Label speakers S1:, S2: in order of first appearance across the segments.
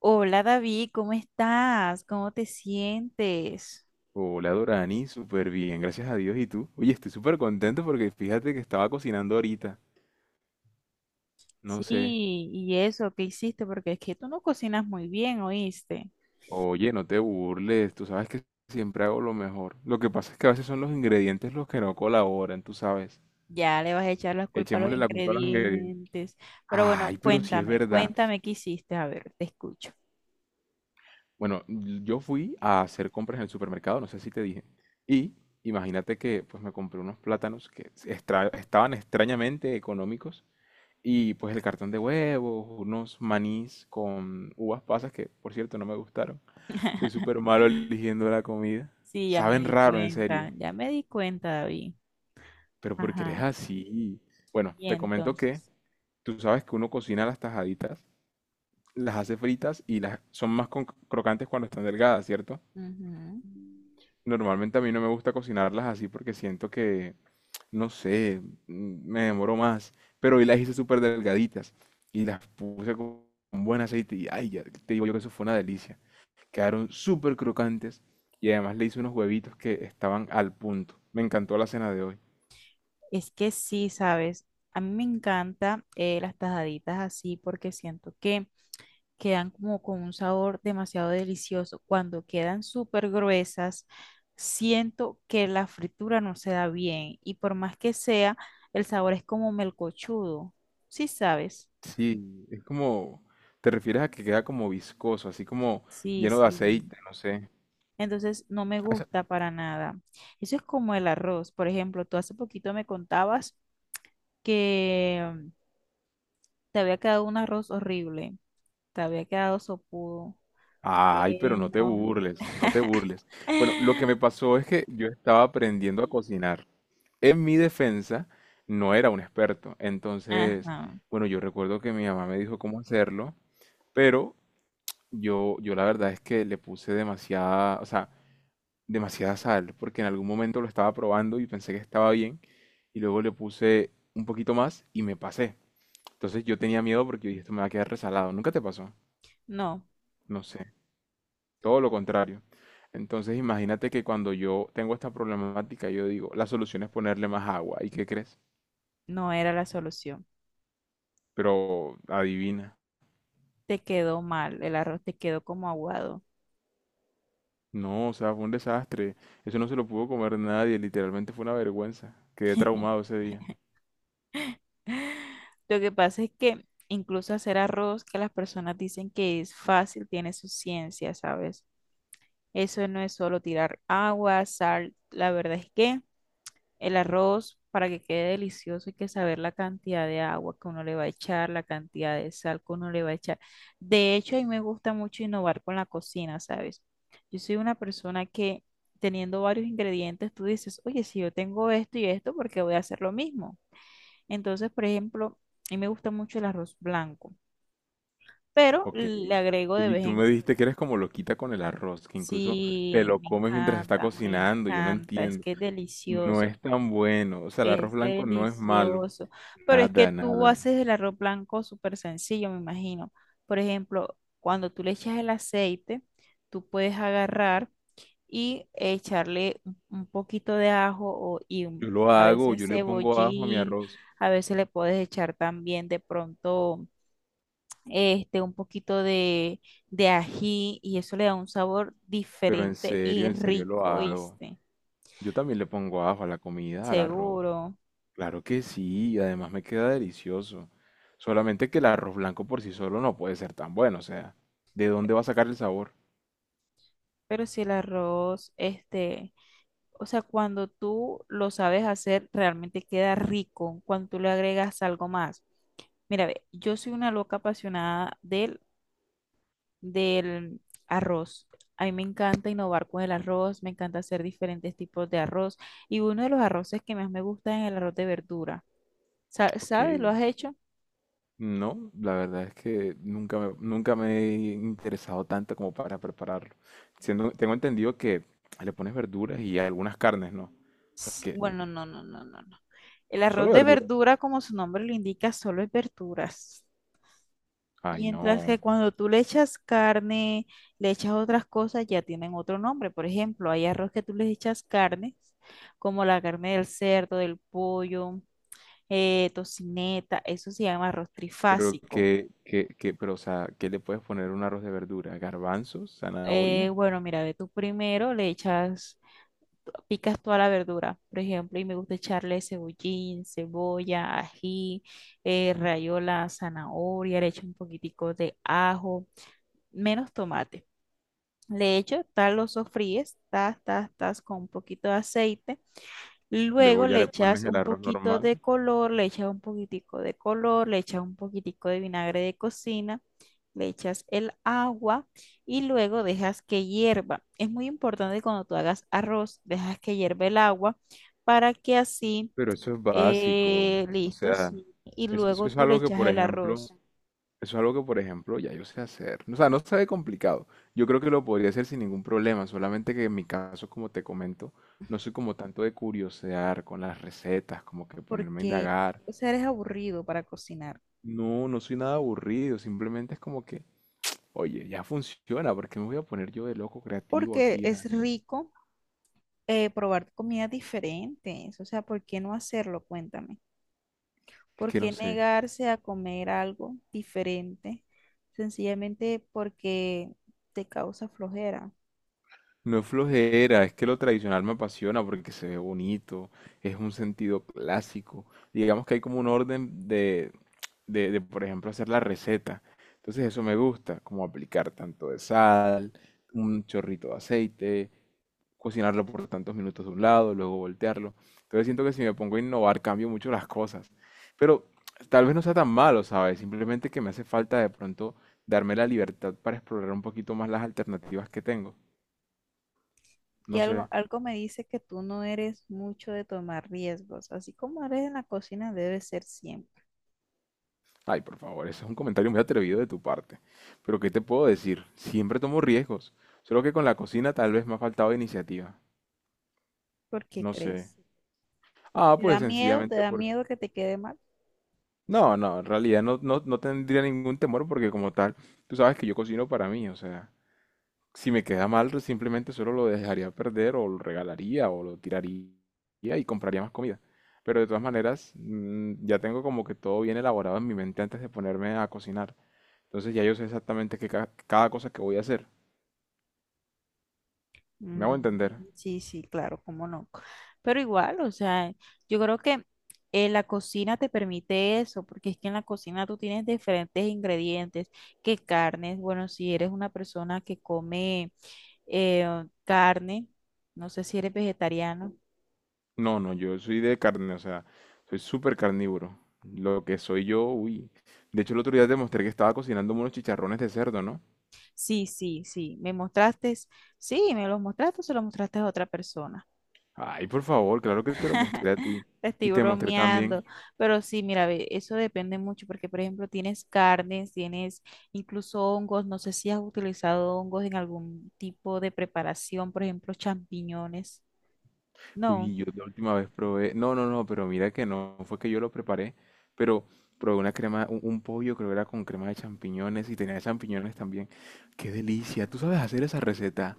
S1: Hola David, ¿cómo estás? ¿Cómo te sientes?
S2: Hola Dorani, súper bien, gracias a Dios. ¿Y tú? Oye, estoy súper contento porque fíjate que estaba cocinando ahorita. No
S1: Sí,
S2: sé.
S1: y eso, ¿qué hiciste? Porque es que tú no cocinas muy bien, ¿oíste?
S2: Oye, no te burles, tú sabes que siempre hago lo mejor. Lo que pasa es que a veces son los ingredientes los que no colaboran, tú sabes.
S1: Ya le vas a echar la culpa a los
S2: Echémosle la culpa a los ingredientes.
S1: ingredientes. Pero bueno,
S2: Ay, pero sí es
S1: cuéntame,
S2: verdad.
S1: cuéntame qué hiciste. A ver, te escucho.
S2: Bueno, yo fui a hacer compras en el supermercado, no sé si te dije. Y imagínate que pues me compré unos plátanos que estaban extrañamente económicos. Y pues el cartón de huevos, unos manís con uvas pasas que, por cierto, no me gustaron. Soy súper malo eligiendo la comida.
S1: Sí, ya me
S2: Saben
S1: di
S2: raro, en
S1: cuenta,
S2: serio.
S1: ya me di cuenta, David.
S2: Pero porque eres
S1: Ajá.
S2: así. Bueno,
S1: Y
S2: te comento que
S1: entonces,
S2: tú sabes que uno cocina las tajaditas, las hace fritas y las son más crocantes cuando están delgadas, ¿cierto?
S1: ujú.
S2: Normalmente a mí no me gusta cocinarlas así porque siento que no sé, me demoró más, pero hoy las hice súper delgaditas y las puse con buen aceite y ay, ya te digo yo que eso fue una delicia. Quedaron súper crocantes y además le hice unos huevitos que estaban al punto. Me encantó la cena de hoy.
S1: Es que sí, ¿sabes? A mí me encanta las tajaditas así porque siento que quedan como con un sabor demasiado delicioso. Cuando quedan súper gruesas, siento que la fritura no se da bien y por más que sea, el sabor es como melcochudo. Sí, sabes.
S2: Sí, es como, te refieres a que queda como viscoso, así como
S1: Sí,
S2: lleno de
S1: sí.
S2: aceite, no sé.
S1: Entonces no me
S2: O sea,
S1: gusta para nada. Eso es como el arroz. Por ejemplo, tú hace poquito me contabas que te había quedado un arroz horrible. Te había quedado sopudo.
S2: ay, pero
S1: Eh,
S2: no te
S1: no.
S2: burles, no te burles. Bueno, lo que me pasó es que yo estaba aprendiendo a cocinar. En mi defensa, no era un experto. Entonces,
S1: Ajá.
S2: bueno, yo recuerdo que mi mamá me dijo cómo hacerlo, pero yo la verdad es que le puse demasiada, o sea, demasiada sal, porque en algún momento lo estaba probando y pensé que estaba bien, y luego le puse un poquito más y me pasé. Entonces yo tenía miedo porque yo dije, esto me va a quedar resalado. ¿Nunca te pasó?
S1: No,
S2: No sé, todo lo contrario. Entonces imagínate que cuando yo tengo esta problemática, yo digo, la solución es ponerle más agua. ¿Y qué crees?
S1: no era la solución.
S2: Pero adivina.
S1: Te quedó mal, el arroz te quedó como aguado.
S2: No, o sea, fue un desastre. Eso no se lo pudo comer nadie, literalmente fue una vergüenza. Quedé traumado ese día.
S1: Lo que pasa es que incluso hacer arroz, que las personas dicen que es fácil, tiene su ciencia, ¿sabes? Eso no es solo tirar agua, sal, la verdad es que el arroz, para que quede delicioso, hay que saber la cantidad de agua que uno le va a echar, la cantidad de sal que uno le va a echar. De hecho, a mí me gusta mucho innovar con la cocina, ¿sabes? Yo soy una persona que teniendo varios ingredientes, tú dices, oye, si yo tengo esto y esto, ¿por qué voy a hacer lo mismo? Entonces, por ejemplo, a mí me gusta mucho el arroz blanco, pero
S2: Ok.
S1: le agrego de
S2: Oye, y
S1: vez
S2: tú
S1: en
S2: me
S1: cuando.
S2: dijiste que eres como loquita con el arroz, que incluso te
S1: Sí,
S2: lo
S1: me
S2: comes mientras está
S1: encanta, me
S2: cocinando, yo no
S1: encanta, es
S2: entiendo.
S1: que es
S2: No
S1: delicioso.
S2: es tan bueno, o sea, el arroz
S1: Es
S2: blanco no es malo.
S1: delicioso. Pero es que
S2: Nada,
S1: tú
S2: nada.
S1: haces el arroz blanco súper sencillo, me imagino. Por ejemplo, cuando tú le echas el aceite, tú puedes agarrar y echarle un poquito de ajo
S2: Yo lo
S1: a
S2: hago,
S1: veces
S2: yo le pongo ajo a mi
S1: cebollín,
S2: arroz,
S1: a veces le puedes echar también de pronto un poquito de ají y eso le da un sabor
S2: pero
S1: diferente y
S2: en serio lo
S1: rico,
S2: hago.
S1: ¿viste?
S2: Yo también le pongo ajo a la comida, al arroz.
S1: Seguro.
S2: Claro que sí, y además me queda delicioso. Solamente que el arroz blanco por sí solo no puede ser tan bueno, o sea, ¿de dónde va a sacar el sabor?
S1: Pero si el arroz, O sea, cuando tú lo sabes hacer, realmente queda rico cuando tú le agregas algo más. Mira, ve, yo soy una loca apasionada del arroz. A mí me encanta innovar con el arroz, me encanta hacer diferentes tipos de arroz. Y uno de los arroces que más me gusta es el arroz de verdura.
S2: Ok,
S1: ¿Sabes? ¿Lo has hecho?
S2: no, la verdad es que nunca me he interesado tanto como para prepararlo. Tengo entendido que le pones verduras y algunas carnes, ¿no?
S1: Sí,
S2: Porque
S1: bueno, no. El arroz
S2: solo
S1: de
S2: verduras.
S1: verdura, como su nombre lo indica, solo es verduras.
S2: Ay,
S1: Mientras que
S2: no.
S1: cuando tú le echas carne, le echas otras cosas, ya tienen otro nombre. Por ejemplo, hay arroz que tú les echas carne, como la carne del cerdo, del pollo, tocineta, eso se llama arroz
S2: Pero
S1: trifásico.
S2: que, que, que, pero o sea, ¿qué le puedes poner a un arroz de verdura? Garbanzos, zanahoria,
S1: Bueno, mira, ve tú primero, le echas, picas toda la verdura, por ejemplo, y me gusta echarle cebollín, cebolla, ají, rayola, zanahoria, le echo un poquitico de ajo, menos tomate. Le echo, tal lo sofríes, tas, tas, tas, con un poquito de aceite.
S2: luego
S1: Luego
S2: ya
S1: le
S2: le pones
S1: echas
S2: el
S1: un
S2: arroz
S1: poquito
S2: normal.
S1: de color, le echas un poquitico de color, le echas un poquitico de vinagre de cocina, le echas el agua y luego dejas que hierva. Es muy importante cuando tú hagas arroz, dejas que hierva el agua para que así,
S2: Pero eso es básico. O
S1: listo,
S2: sea,
S1: sí, y
S2: eso
S1: luego
S2: es
S1: tú le
S2: algo que,
S1: echas
S2: por
S1: el
S2: ejemplo,
S1: arroz
S2: eso es algo que, por ejemplo, ya yo sé hacer. O sea, no se ve complicado. Yo creo que lo podría hacer sin ningún problema. Solamente que en mi caso, como te comento, no soy como tanto de curiosear con las recetas, como que ponerme a
S1: porque,
S2: indagar.
S1: o sea, eres aburrido para cocinar,
S2: No, no soy nada aburrido. Simplemente es como que, oye, ya funciona. ¿Por qué me voy a poner yo de loco creativo
S1: porque
S2: aquí a...
S1: es rico probar comidas diferentes. O sea, ¿por qué no hacerlo? Cuéntame.
S2: Es
S1: ¿Por
S2: que no
S1: qué
S2: sé.
S1: negarse a comer algo diferente? Sencillamente porque te causa flojera.
S2: No es flojera, es que lo tradicional me apasiona porque se ve bonito, es un sentido clásico. Digamos que hay como un orden por ejemplo, hacer la receta. Entonces eso me gusta, como aplicar tanto de sal, un chorrito de aceite, cocinarlo por tantos minutos de un lado, luego voltearlo. Entonces siento que si me pongo a innovar cambio mucho las cosas. Pero tal vez no sea tan malo, ¿sabes? Simplemente que me hace falta de pronto darme la libertad para explorar un poquito más las alternativas que tengo.
S1: Que
S2: No sé.
S1: algo, algo me dice que tú no eres mucho de tomar riesgos. Así como eres en la cocina, debe ser siempre.
S2: Ay, por favor, ese es un comentario muy atrevido de tu parte. Pero ¿qué te puedo decir? Siempre tomo riesgos. Solo que con la cocina tal vez me ha faltado iniciativa.
S1: ¿Por qué
S2: No sé.
S1: crees?
S2: Ah,
S1: ¿Te da
S2: pues
S1: miedo? ¿Te
S2: sencillamente
S1: da
S2: porque...
S1: miedo que te quede mal?
S2: No, no, en realidad no, no, no tendría ningún temor porque como tal, tú sabes que yo cocino para mí. O sea, si me queda mal, simplemente solo lo dejaría perder o lo regalaría o lo tiraría y compraría más comida. Pero de todas maneras, ya tengo como que todo bien elaborado en mi mente antes de ponerme a cocinar. Entonces ya yo sé exactamente cada cosa que voy a hacer. ¿Me hago
S1: Mm,
S2: entender?
S1: sí, sí, claro, cómo no. Pero igual, o sea, yo creo que la cocina te permite eso, porque es que en la cocina tú tienes diferentes ingredientes, que carnes, bueno, si eres una persona que come carne, no sé si eres vegetariano.
S2: No, no, yo soy de carne, o sea, soy súper carnívoro. Lo que soy yo, uy. De hecho, el otro día te mostré que estaba cocinando unos chicharrones de cerdo, ¿no?
S1: Sí, sí, sí, me mostraste, sí, me los mostraste, se los mostraste a otra persona.
S2: Ay, por favor, claro que te lo mostré a ti.
S1: Te
S2: Y
S1: estoy
S2: te mostré también.
S1: bromeando, pero sí, mira, ve, eso depende mucho porque, por ejemplo, tienes carnes, tienes incluso hongos, no sé si has utilizado hongos en algún tipo de preparación, por ejemplo, champiñones. No,
S2: Uy, yo la última vez probé. No, no, no, pero mira que no fue que yo lo preparé, pero probé una crema, un pollo, creo que era con crema de champiñones y tenía champiñones también. ¡Qué delicia! ¿Tú sabes hacer esa receta?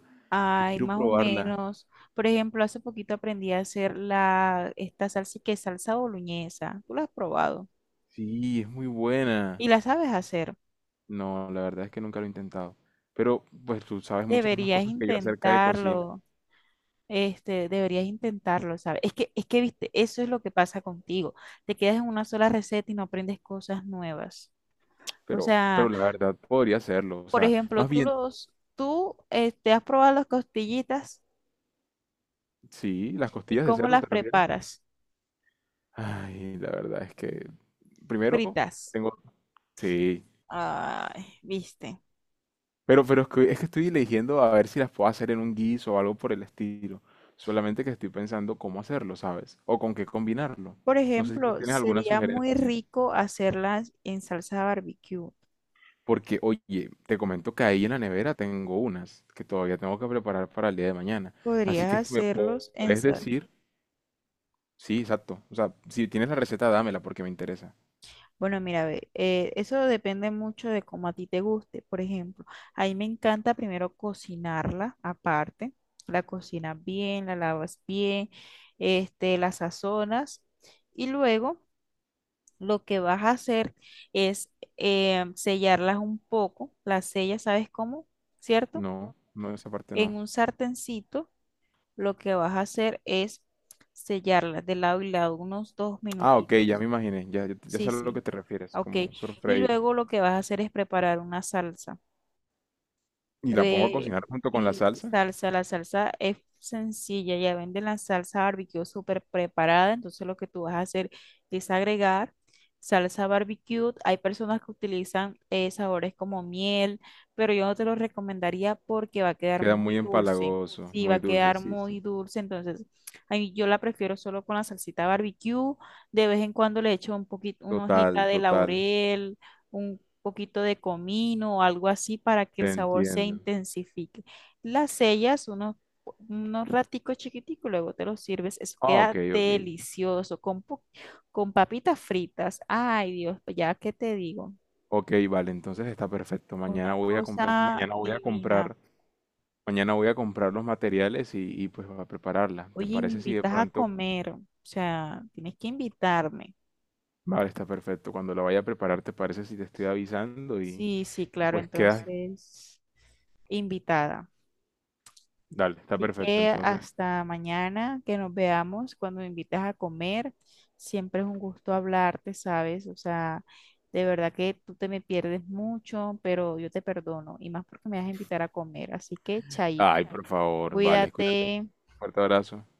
S2: Yo
S1: hay
S2: quiero
S1: más o
S2: probarla.
S1: menos. Por ejemplo, hace poquito aprendí a hacer la, esta salsa que es salsa boloñesa, tú la has probado
S2: Sí, es muy buena.
S1: y la sabes hacer.
S2: No, la verdad es que nunca lo he intentado. Pero pues tú sabes muchas más
S1: Deberías
S2: cosas que yo acerca de cocina.
S1: intentarlo. Deberías intentarlo, ¿sabes? Viste, eso es lo que pasa contigo. Te quedas en una sola receta y no aprendes cosas nuevas. O
S2: Pero,
S1: sea,
S2: pero la verdad podría hacerlo. O
S1: por
S2: sea,
S1: ejemplo,
S2: más
S1: tú
S2: bien,
S1: los, tú, este, has probado las costillitas
S2: sí, las
S1: y
S2: costillas de
S1: cómo
S2: cerdo,
S1: las
S2: ¿te refieres?
S1: preparas,
S2: Ay, la verdad es que primero
S1: fritas.
S2: tengo, sí.
S1: Ay, viste.
S2: Pero es que estoy eligiendo a ver si las puedo hacer en un guiso o algo por el estilo. Solamente que estoy pensando cómo hacerlo, ¿sabes? O con qué combinarlo.
S1: Por
S2: No sé si tú
S1: ejemplo,
S2: tienes alguna
S1: sería muy
S2: sugerencia.
S1: rico hacerlas en salsa barbecue.
S2: Porque, oye, te comento que ahí en la nevera tengo unas que todavía tengo que preparar para el día de mañana. Así
S1: Podrías
S2: que si me
S1: hacerlos en,
S2: puedes decir, sí, exacto. O sea, si tienes la receta, dámela porque me interesa.
S1: bueno, mira, ve, eso depende mucho de cómo a ti te guste. Por ejemplo, a mí me encanta primero cocinarla aparte. La cocinas bien, la lavas bien, la sazonas y luego lo que vas a hacer es sellarlas un poco. Las sellas, ¿sabes cómo? ¿Cierto?
S2: No, no, esa parte
S1: En
S2: no.
S1: un sartencito lo que vas a hacer es sellarlas de lado y lado unos dos
S2: Ah, ok, ya
S1: minutitos.
S2: me imaginé. Ya, ya, ya
S1: Sí,
S2: sé a lo que
S1: sí.
S2: te refieres,
S1: Ok.
S2: como
S1: Y
S2: sofreír.
S1: luego lo que vas a hacer es preparar una salsa.
S2: Y la pongo a
S1: De,
S2: cocinar junto con la
S1: y
S2: salsa.
S1: salsa, la salsa es sencilla, ya venden la salsa barbecue súper preparada, entonces lo que tú vas a hacer es agregar salsa barbecue. Hay personas que utilizan sabores como miel, pero yo no te lo recomendaría porque va a quedar
S2: Queda muy
S1: muy dulce.
S2: empalagoso,
S1: Sí, va a
S2: muy dulce,
S1: quedar
S2: sí, sí.
S1: muy dulce, entonces a mí yo la prefiero solo con la salsita barbecue. De vez en cuando le echo un poquito, una hojita
S2: Total,
S1: de
S2: total.
S1: laurel, poquito de comino o algo así para que el
S2: Te
S1: sabor se
S2: entiendo.
S1: intensifique. Las sellas, unos raticos chiquiticos, luego te los sirves. Eso
S2: Ah, ok,
S1: queda
S2: ok.
S1: delicioso con, con papitas fritas. Ay, Dios, pues, ya que te digo,
S2: Ok, vale, entonces está perfecto.
S1: una
S2: Mañana voy a comprar,
S1: cosa
S2: mañana voy a
S1: divina.
S2: comprar mañana voy a comprar los materiales y, pues a prepararla. ¿Te
S1: Oye, me
S2: parece si de
S1: invitas a
S2: pronto...
S1: comer, o sea, tienes que invitarme.
S2: Vale, está perfecto. Cuando la vaya a preparar, ¿te parece si te estoy avisando?
S1: Sí, sí,
S2: Y
S1: claro,
S2: pues quedas...
S1: entonces, invitada.
S2: Dale, está
S1: Así
S2: perfecto.
S1: que
S2: Entonces...
S1: hasta mañana que nos veamos, cuando me invites a comer, siempre es un gusto hablarte, ¿sabes? O sea, de verdad que tú te me pierdes mucho, pero yo te perdono y más porque me vas a invitar a comer. Así que, chaito,
S2: Ay, por favor. Vale, cuídate.
S1: cuídate.
S2: Un fuerte abrazo.